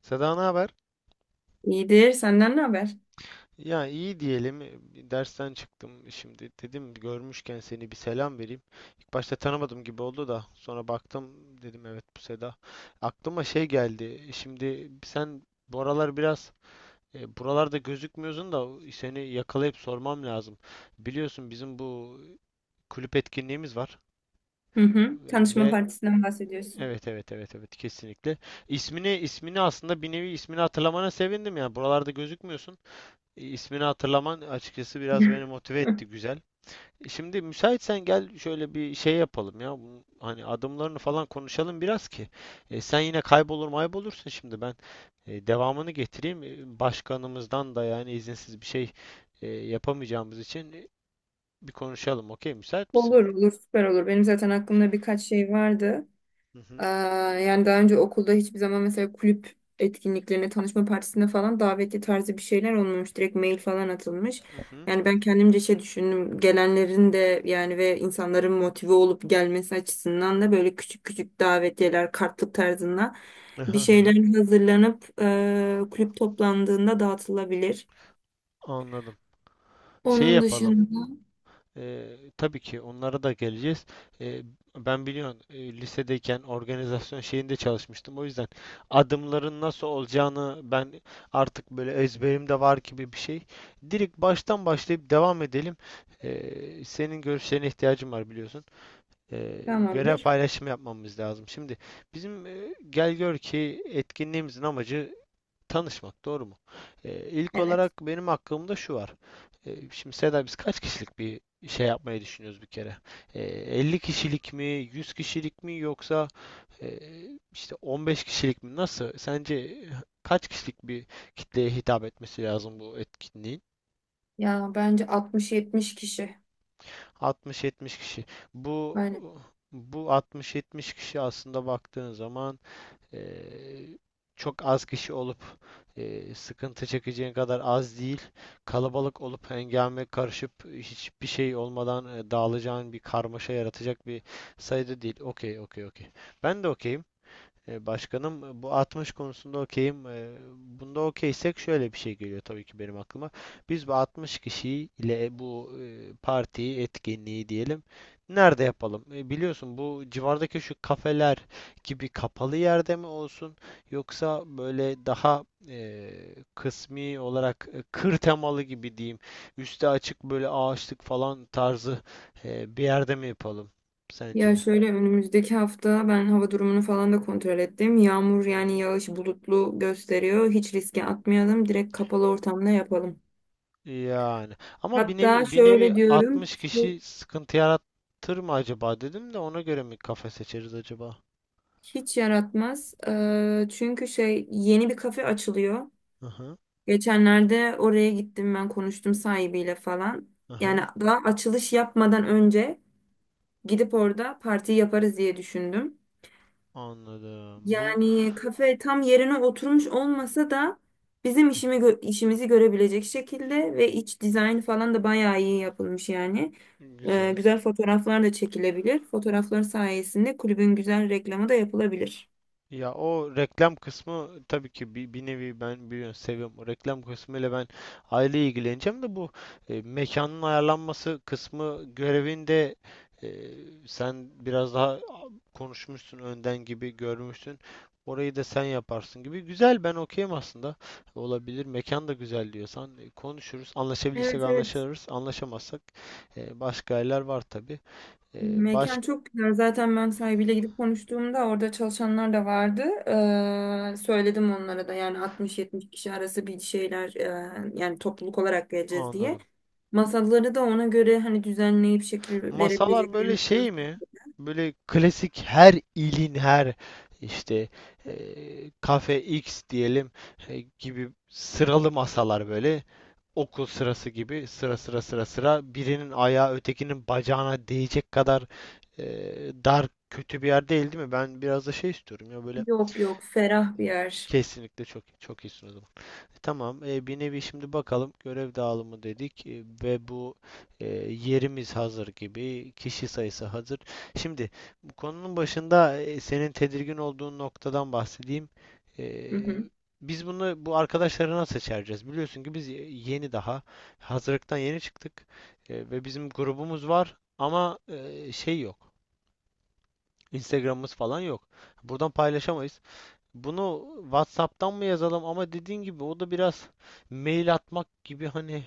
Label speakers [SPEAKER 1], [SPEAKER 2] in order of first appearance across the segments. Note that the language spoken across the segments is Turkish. [SPEAKER 1] Seda, ne haber?
[SPEAKER 2] İyidir. Senden ne haber?
[SPEAKER 1] Ya, iyi diyelim. Bir dersten çıktım şimdi. Dedim görmüşken seni bir selam vereyim. İlk başta tanımadım gibi oldu da sonra baktım, dedim evet, bu Seda. Aklıma şey geldi. Şimdi sen bu aralar biraz buralarda gözükmüyorsun da seni yakalayıp sormam lazım. Biliyorsun bizim bu kulüp etkinliğimiz var.
[SPEAKER 2] Hı hı.
[SPEAKER 1] E,
[SPEAKER 2] Tanışma
[SPEAKER 1] ve
[SPEAKER 2] partisinden bahsediyorsun.
[SPEAKER 1] Evet, kesinlikle. İsmini aslında bir nevi ismini hatırlamana sevindim ya. Buralarda gözükmüyorsun. İsmini hatırlaman açıkçası biraz beni motive etti, güzel. Şimdi müsaitsen gel şöyle bir şey yapalım ya. Bunun hani adımlarını falan konuşalım biraz ki. Sen yine kaybolur maybolursun şimdi, ben devamını getireyim. E, Başkanımızdan da yani izinsiz bir şey yapamayacağımız için bir konuşalım. Okey, müsait misin?
[SPEAKER 2] Olur olur, süper olur. Benim zaten aklımda birkaç şey vardı.
[SPEAKER 1] Hı
[SPEAKER 2] Ee,
[SPEAKER 1] hı.
[SPEAKER 2] Yani daha önce okulda hiçbir zaman mesela kulüp etkinliklerine, tanışma partisine falan davetli tarzı bir şeyler olmamış. Direkt mail falan atılmış.
[SPEAKER 1] Hı
[SPEAKER 2] Yani ben kendimce şey düşündüm. Gelenlerin de yani ve insanların motive olup gelmesi açısından da böyle küçük küçük davetiyeler, kartlık tarzında bir
[SPEAKER 1] hı.
[SPEAKER 2] şeyler hazırlanıp kulüp toplandığında dağıtılabilir.
[SPEAKER 1] Anladım. Şey
[SPEAKER 2] Onun
[SPEAKER 1] yapalım.
[SPEAKER 2] dışında
[SPEAKER 1] Tabii ki onlara da geleceğiz. Ee, Ben biliyorsun lisedeyken organizasyon şeyinde çalışmıştım. O yüzden adımların nasıl olacağını ben artık böyle ezberimde var gibi bir şey. Direkt baştan başlayıp devam edelim. Senin görüşlerine ihtiyacım var biliyorsun. Ee, Görev
[SPEAKER 2] tamamdır.
[SPEAKER 1] paylaşımı yapmamız lazım. Şimdi bizim, gel gör ki, etkinliğimizin amacı tanışmak, doğru mu? İlk
[SPEAKER 2] Evet.
[SPEAKER 1] olarak benim aklımda şu var. Şimdi Seda, biz kaç kişilik bir şey yapmayı düşünüyoruz bir kere? 50 kişilik mi, 100 kişilik mi, yoksa e, işte 15 kişilik mi? Nasıl? Sence kaç kişilik bir kitleye hitap etmesi lazım bu etkinliğin?
[SPEAKER 2] Ya bence 60-70 kişi.
[SPEAKER 1] 60-70 kişi. Bu
[SPEAKER 2] Aynen.
[SPEAKER 1] bu 60-70 kişi aslında baktığın zaman Eee, çok az kişi olup sıkıntı çekeceğin kadar az değil. Kalabalık olup hengame karışıp hiçbir şey olmadan dağılacağın bir karmaşa yaratacak bir sayıda değil. Okey, okey, okey. Ben de okeyim. E, Başkanım, bu 60 konusunda okeyim. E, Bunda okeysek şöyle bir şey geliyor tabii ki benim aklıma. Biz bu 60 kişiyi ile bu partiyi, etkinliği diyelim, nerede yapalım? E, Biliyorsun bu civardaki şu kafeler gibi kapalı yerde mi olsun, yoksa böyle daha kısmi olarak kır temalı gibi diyeyim, üstü açık böyle ağaçlık falan tarzı bir yerde mi yapalım
[SPEAKER 2] Ya
[SPEAKER 1] sence?
[SPEAKER 2] şöyle önümüzdeki hafta ben hava durumunu falan da kontrol ettim. Yağmur,
[SPEAKER 1] Hı
[SPEAKER 2] yani
[SPEAKER 1] hı.
[SPEAKER 2] yağış bulutlu gösteriyor. Hiç riske atmayalım. Direkt kapalı ortamda yapalım.
[SPEAKER 1] Yani ama bir
[SPEAKER 2] Hatta
[SPEAKER 1] nevi bir nevi
[SPEAKER 2] şöyle diyorum.
[SPEAKER 1] 60
[SPEAKER 2] Bu
[SPEAKER 1] kişi sıkıntı yaratır mı acaba dedim de, ona göre mi kafe seçeriz acaba?
[SPEAKER 2] hiç yaratmaz. Çünkü şey, yeni bir kafe açılıyor.
[SPEAKER 1] Aha,
[SPEAKER 2] Geçenlerde oraya gittim, ben konuştum sahibiyle falan.
[SPEAKER 1] aha,
[SPEAKER 2] Yani daha açılış yapmadan önce gidip orada parti yaparız diye düşündüm.
[SPEAKER 1] anladım. Bu
[SPEAKER 2] Yani kafe tam yerine oturmuş olmasa da bizim işimizi görebilecek şekilde ve iç dizayn falan da bayağı iyi yapılmış yani.
[SPEAKER 1] güzel.
[SPEAKER 2] Güzel fotoğraflar da çekilebilir. Fotoğraflar sayesinde kulübün güzel reklamı da yapılabilir.
[SPEAKER 1] Ya o reklam kısmı tabii ki, bir, bir nevi, ben biliyorsun seviyorum. O reklam kısmıyla ben aile ilgileneceğim de bu mekanın ayarlanması kısmı görevinde e, sen biraz daha konuşmuşsun önden gibi, görmüşsün. Orayı da sen yaparsın gibi. Güzel, ben okeyim aslında. Olabilir. Mekan da güzel diyorsan konuşuruz.
[SPEAKER 2] Evet,
[SPEAKER 1] Anlaşabilirsek
[SPEAKER 2] evet.
[SPEAKER 1] anlaşırız. Anlaşamazsak başka yerler var tabii. E, baş
[SPEAKER 2] Mekan çok güzel. Zaten ben sahibiyle gidip konuştuğumda orada çalışanlar da vardı. Söyledim onlara da, yani 60-70 kişi arası bir şeyler, yani topluluk olarak geleceğiz diye.
[SPEAKER 1] Anladım.
[SPEAKER 2] Masaları da ona göre hani düzenleyip şekil
[SPEAKER 1] Masalar böyle
[SPEAKER 2] verebileceklerini
[SPEAKER 1] şey
[SPEAKER 2] sanıyorsun.
[SPEAKER 1] mi? Böyle klasik her ilin her işte, kafe X diyelim, gibi sıralı masalar, böyle okul sırası gibi sıra sıra birinin ayağı ötekinin bacağına değecek kadar dar, kötü bir yer değil değil mi? Ben biraz da şey istiyorum ya, böyle.
[SPEAKER 2] Yok yok, ferah
[SPEAKER 1] e,
[SPEAKER 2] bir yer.
[SPEAKER 1] Kesinlikle, çok çok iyisin o zaman. E, Tamam. Bir nevi şimdi bakalım, görev dağılımı dedik ve bu e, yerimiz hazır gibi, kişi sayısı hazır. Şimdi bu konunun başında senin tedirgin olduğun noktadan bahsedeyim.
[SPEAKER 2] Hı
[SPEAKER 1] E,
[SPEAKER 2] hı.
[SPEAKER 1] biz bunu, bu arkadaşları nasıl seçeceğiz? Biliyorsun ki biz yeni daha hazırlıktan yeni çıktık. Ve bizim grubumuz var ama şey yok. Instagram'ımız falan yok. Buradan paylaşamayız. Bunu WhatsApp'tan mı yazalım, ama dediğin gibi o da biraz mail atmak gibi, hani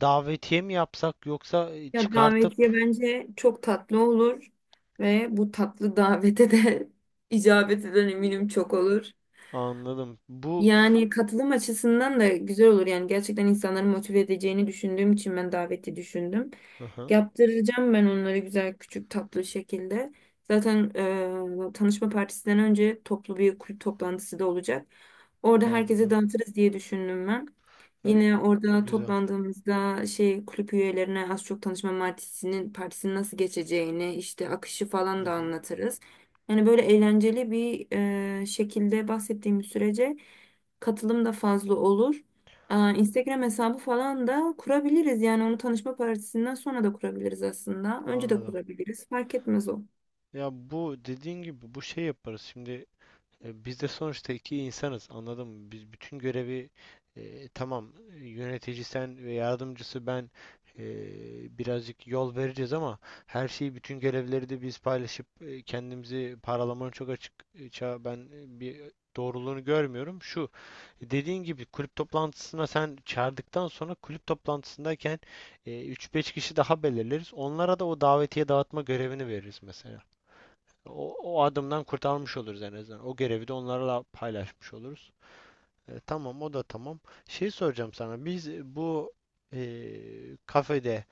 [SPEAKER 1] davetiye mi yapsak, yoksa
[SPEAKER 2] Ya
[SPEAKER 1] çıkartıp
[SPEAKER 2] davetiye bence çok tatlı olur ve bu tatlı davete de icabet eden eminim çok olur.
[SPEAKER 1] anladım. Bu
[SPEAKER 2] Yani katılım açısından da güzel olur. Yani gerçekten insanları motive edeceğini düşündüğüm için ben daveti düşündüm.
[SPEAKER 1] aha,
[SPEAKER 2] Yaptıracağım ben onları güzel, küçük, tatlı şekilde. Zaten tanışma partisinden önce toplu bir kulüp toplantısı da olacak. Orada herkese
[SPEAKER 1] anladım.
[SPEAKER 2] dağıtırız diye düşündüm ben.
[SPEAKER 1] Ya,
[SPEAKER 2] Yine orada
[SPEAKER 1] güzel.
[SPEAKER 2] toplandığımızda şey, kulüp üyelerine az çok tanışma partisinin nasıl geçeceğini, işte akışı
[SPEAKER 1] Hı
[SPEAKER 2] falan da
[SPEAKER 1] hı,
[SPEAKER 2] anlatırız. Yani böyle eğlenceli bir şekilde bahsettiğim sürece katılım da fazla olur. Aa, Instagram hesabı falan da kurabiliriz. Yani onu tanışma partisinden sonra da kurabiliriz aslında. Önce de
[SPEAKER 1] anladım.
[SPEAKER 2] kurabiliriz. Fark etmez o.
[SPEAKER 1] Ya, bu dediğin gibi, bu şey yaparız. Şimdi E, biz de sonuçta iki insanız, anladın mı? Biz bütün görevi, tamam, yönetici sen ve yardımcısı ben, e, birazcık yol vereceğiz, ama her şeyi, bütün görevleri de biz paylaşıp kendimizi paralamanın çok açık, e, ben e, bir doğruluğunu görmüyorum. Şu dediğin gibi kulüp toplantısına sen çağırdıktan sonra, kulüp toplantısındayken 3-5 kişi daha belirleriz. Onlara da o davetiye dağıtma görevini veririz mesela. O adımdan kurtarmış oluruz en azından. O görevi de onlarla paylaşmış oluruz. E, tamam, o da tamam. Şey soracağım sana. Biz bu kafede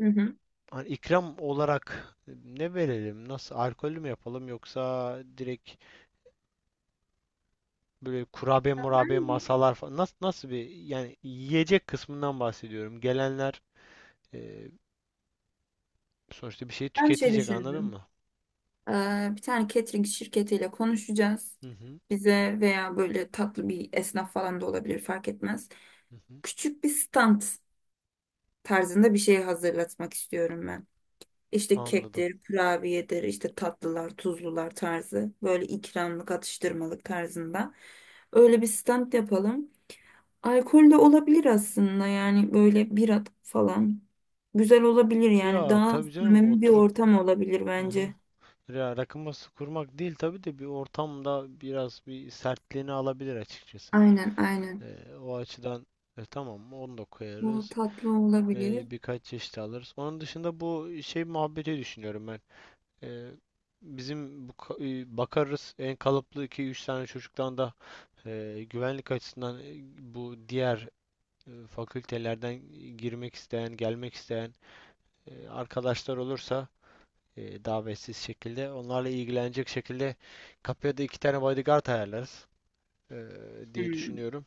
[SPEAKER 2] Hı hı.
[SPEAKER 1] hani ikram olarak ne verelim? Nasıl, alkollü mü yapalım, yoksa direkt böyle kurabiye murabiye
[SPEAKER 2] Ben,
[SPEAKER 1] masalar falan? Nasıl, nasıl bir, yani yiyecek kısmından bahsediyorum. Gelenler e, sonuçta bir şey
[SPEAKER 2] Ben şey
[SPEAKER 1] tüketecek, anladın
[SPEAKER 2] düşündüm.
[SPEAKER 1] mı?
[SPEAKER 2] Ee, Bir tane catering şirketiyle konuşacağız.
[SPEAKER 1] Hı hı.
[SPEAKER 2] Bize veya böyle tatlı bir esnaf falan da olabilir, fark etmez.
[SPEAKER 1] Hı hı.
[SPEAKER 2] Küçük bir stand tarzında bir şey hazırlatmak istiyorum ben. İşte
[SPEAKER 1] Anladım.
[SPEAKER 2] kektir, kurabiyedir, işte tatlılar, tuzlular tarzı. Böyle ikramlık, atıştırmalık tarzında. Öyle bir stand yapalım. Alkol de olabilir aslında, yani böyle bira falan. Güzel olabilir, yani
[SPEAKER 1] Ya
[SPEAKER 2] daha
[SPEAKER 1] tabii canım,
[SPEAKER 2] samimi bir
[SPEAKER 1] oturup,
[SPEAKER 2] ortam olabilir
[SPEAKER 1] hı hı.
[SPEAKER 2] bence.
[SPEAKER 1] Ya rakı masası kurmak değil tabii de, bir ortamda biraz bir sertliğini alabilir açıkçası.
[SPEAKER 2] Aynen aynen.
[SPEAKER 1] O açıdan tamam, onu da
[SPEAKER 2] Bu
[SPEAKER 1] koyarız.
[SPEAKER 2] tatlı olabilir.
[SPEAKER 1] Birkaç çeşit alırız. Onun dışında bu şey muhabbeti düşünüyorum ben. Ee, Bizim bu bakarız, en kalıplı 2-3 tane çocuktan da güvenlik açısından, bu diğer fakültelerden girmek isteyen, gelmek isteyen arkadaşlar olursa, davetsiz şekilde onlarla ilgilenecek şekilde, kapıya da 2 tane bodyguard ayarlarız e, diye
[SPEAKER 2] Hmm.
[SPEAKER 1] düşünüyorum.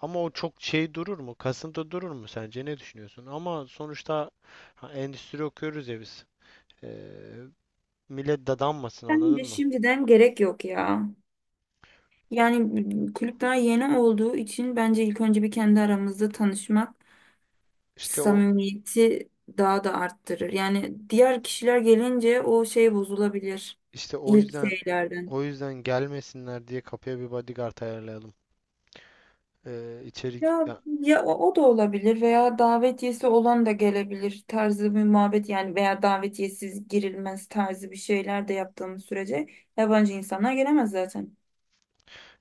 [SPEAKER 1] Ama o çok şey durur mu? Kasıntı durur mu sence? Ne düşünüyorsun? Ama sonuçta, ha, endüstri okuyoruz ya biz. E, Millet dadanmasın, anladın
[SPEAKER 2] Bence
[SPEAKER 1] mı?
[SPEAKER 2] şimdiden gerek yok ya. Yani kulüp daha yeni olduğu için bence ilk önce bir kendi aramızda tanışmak
[SPEAKER 1] İşte o,
[SPEAKER 2] samimiyeti daha da arttırır. Yani diğer kişiler gelince o şey bozulabilir
[SPEAKER 1] işte o
[SPEAKER 2] ilk
[SPEAKER 1] yüzden
[SPEAKER 2] şeylerden.
[SPEAKER 1] o yüzden gelmesinler diye kapıya bir bodyguard ayarlayalım. İçeri
[SPEAKER 2] Ya
[SPEAKER 1] ya,
[SPEAKER 2] Ya o, o da olabilir veya davetiyesi olan da gelebilir tarzı bir muhabbet yani, veya davetiyesiz girilmez tarzı bir şeyler de yaptığımız sürece yabancı insanlar gelemez zaten.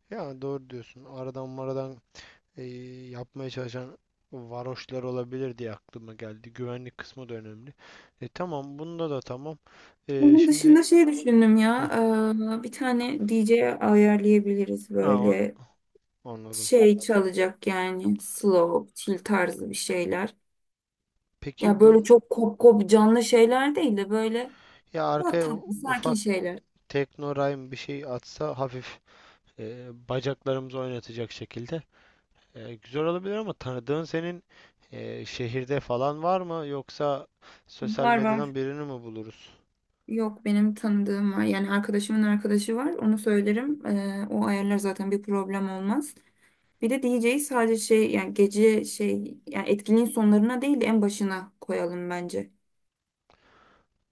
[SPEAKER 1] ya doğru diyorsun. Aradan maradan e, yapmaya çalışan varoşlar olabilir diye aklıma geldi. Güvenlik kısmı da önemli. E, tamam, bunda da tamam. E,
[SPEAKER 2] Bunun
[SPEAKER 1] şimdi
[SPEAKER 2] dışında şey düşündüm ya, bir tane DJ ayarlayabiliriz,
[SPEAKER 1] Ha,
[SPEAKER 2] böyle
[SPEAKER 1] anladım.
[SPEAKER 2] şey çalacak yani, slow, chill tarzı bir şeyler. Ya
[SPEAKER 1] Peki
[SPEAKER 2] böyle
[SPEAKER 1] bun
[SPEAKER 2] çok kop kop canlı şeyler değil de böyle
[SPEAKER 1] Ya
[SPEAKER 2] daha
[SPEAKER 1] arkaya
[SPEAKER 2] tatlı, sakin
[SPEAKER 1] ufak
[SPEAKER 2] şeyler.
[SPEAKER 1] teknorime bir şey atsa, hafif bacaklarımızı oynatacak şekilde güzel olabilir, ama tanıdığın, senin şehirde falan var mı, yoksa sosyal
[SPEAKER 2] Var var.
[SPEAKER 1] medyadan birini mi buluruz?
[SPEAKER 2] Yok, benim tanıdığım var. Yani arkadaşımın arkadaşı var. Onu söylerim. O ayarlar, zaten bir problem olmaz. Bir de DJ'yi sadece şey yani gece, şey yani etkinliğin sonlarına değil de en başına koyalım bence.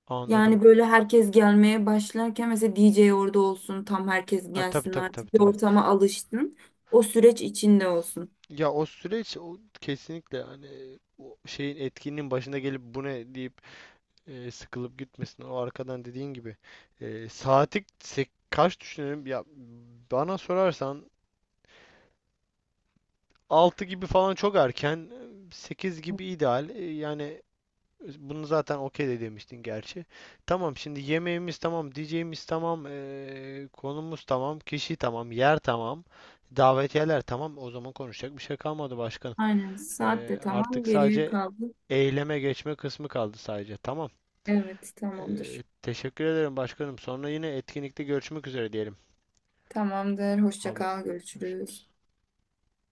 [SPEAKER 1] Anladım.
[SPEAKER 2] Yani böyle herkes gelmeye başlarken mesela DJ orada olsun. Tam herkes
[SPEAKER 1] Tabii,
[SPEAKER 2] gelsin
[SPEAKER 1] tabii, tabii,
[SPEAKER 2] artık. Bir
[SPEAKER 1] tabii.
[SPEAKER 2] ortama alıştın. O süreç içinde olsun.
[SPEAKER 1] Ya o süreç, o kesinlikle, hani o şeyin, etkinliğin başında gelip bu ne deyip sıkılıp gitmesin. O arkadan dediğin gibi kaç düşünelim? Ya bana sorarsan 6 gibi falan çok erken, 8 gibi ideal. Yani bunu zaten okey de demiştin gerçi. Tamam, şimdi yemeğimiz tamam, diyeceğimiz tamam, konumuz tamam, kişi tamam, yer tamam, davetiyeler tamam. O zaman konuşacak bir şey kalmadı başkanım.
[SPEAKER 2] Aynen. Saat de tamam.
[SPEAKER 1] Artık
[SPEAKER 2] Geriye
[SPEAKER 1] sadece
[SPEAKER 2] kaldı.
[SPEAKER 1] eyleme geçme kısmı kaldı sadece. Tamam.
[SPEAKER 2] Evet, tamamdır.
[SPEAKER 1] Teşekkür ederim başkanım. Sonra yine etkinlikte görüşmek üzere diyelim.
[SPEAKER 2] Tamamdır. Hoşça
[SPEAKER 1] Abi,
[SPEAKER 2] kal. Görüşürüz.
[SPEAKER 1] görüşürüz.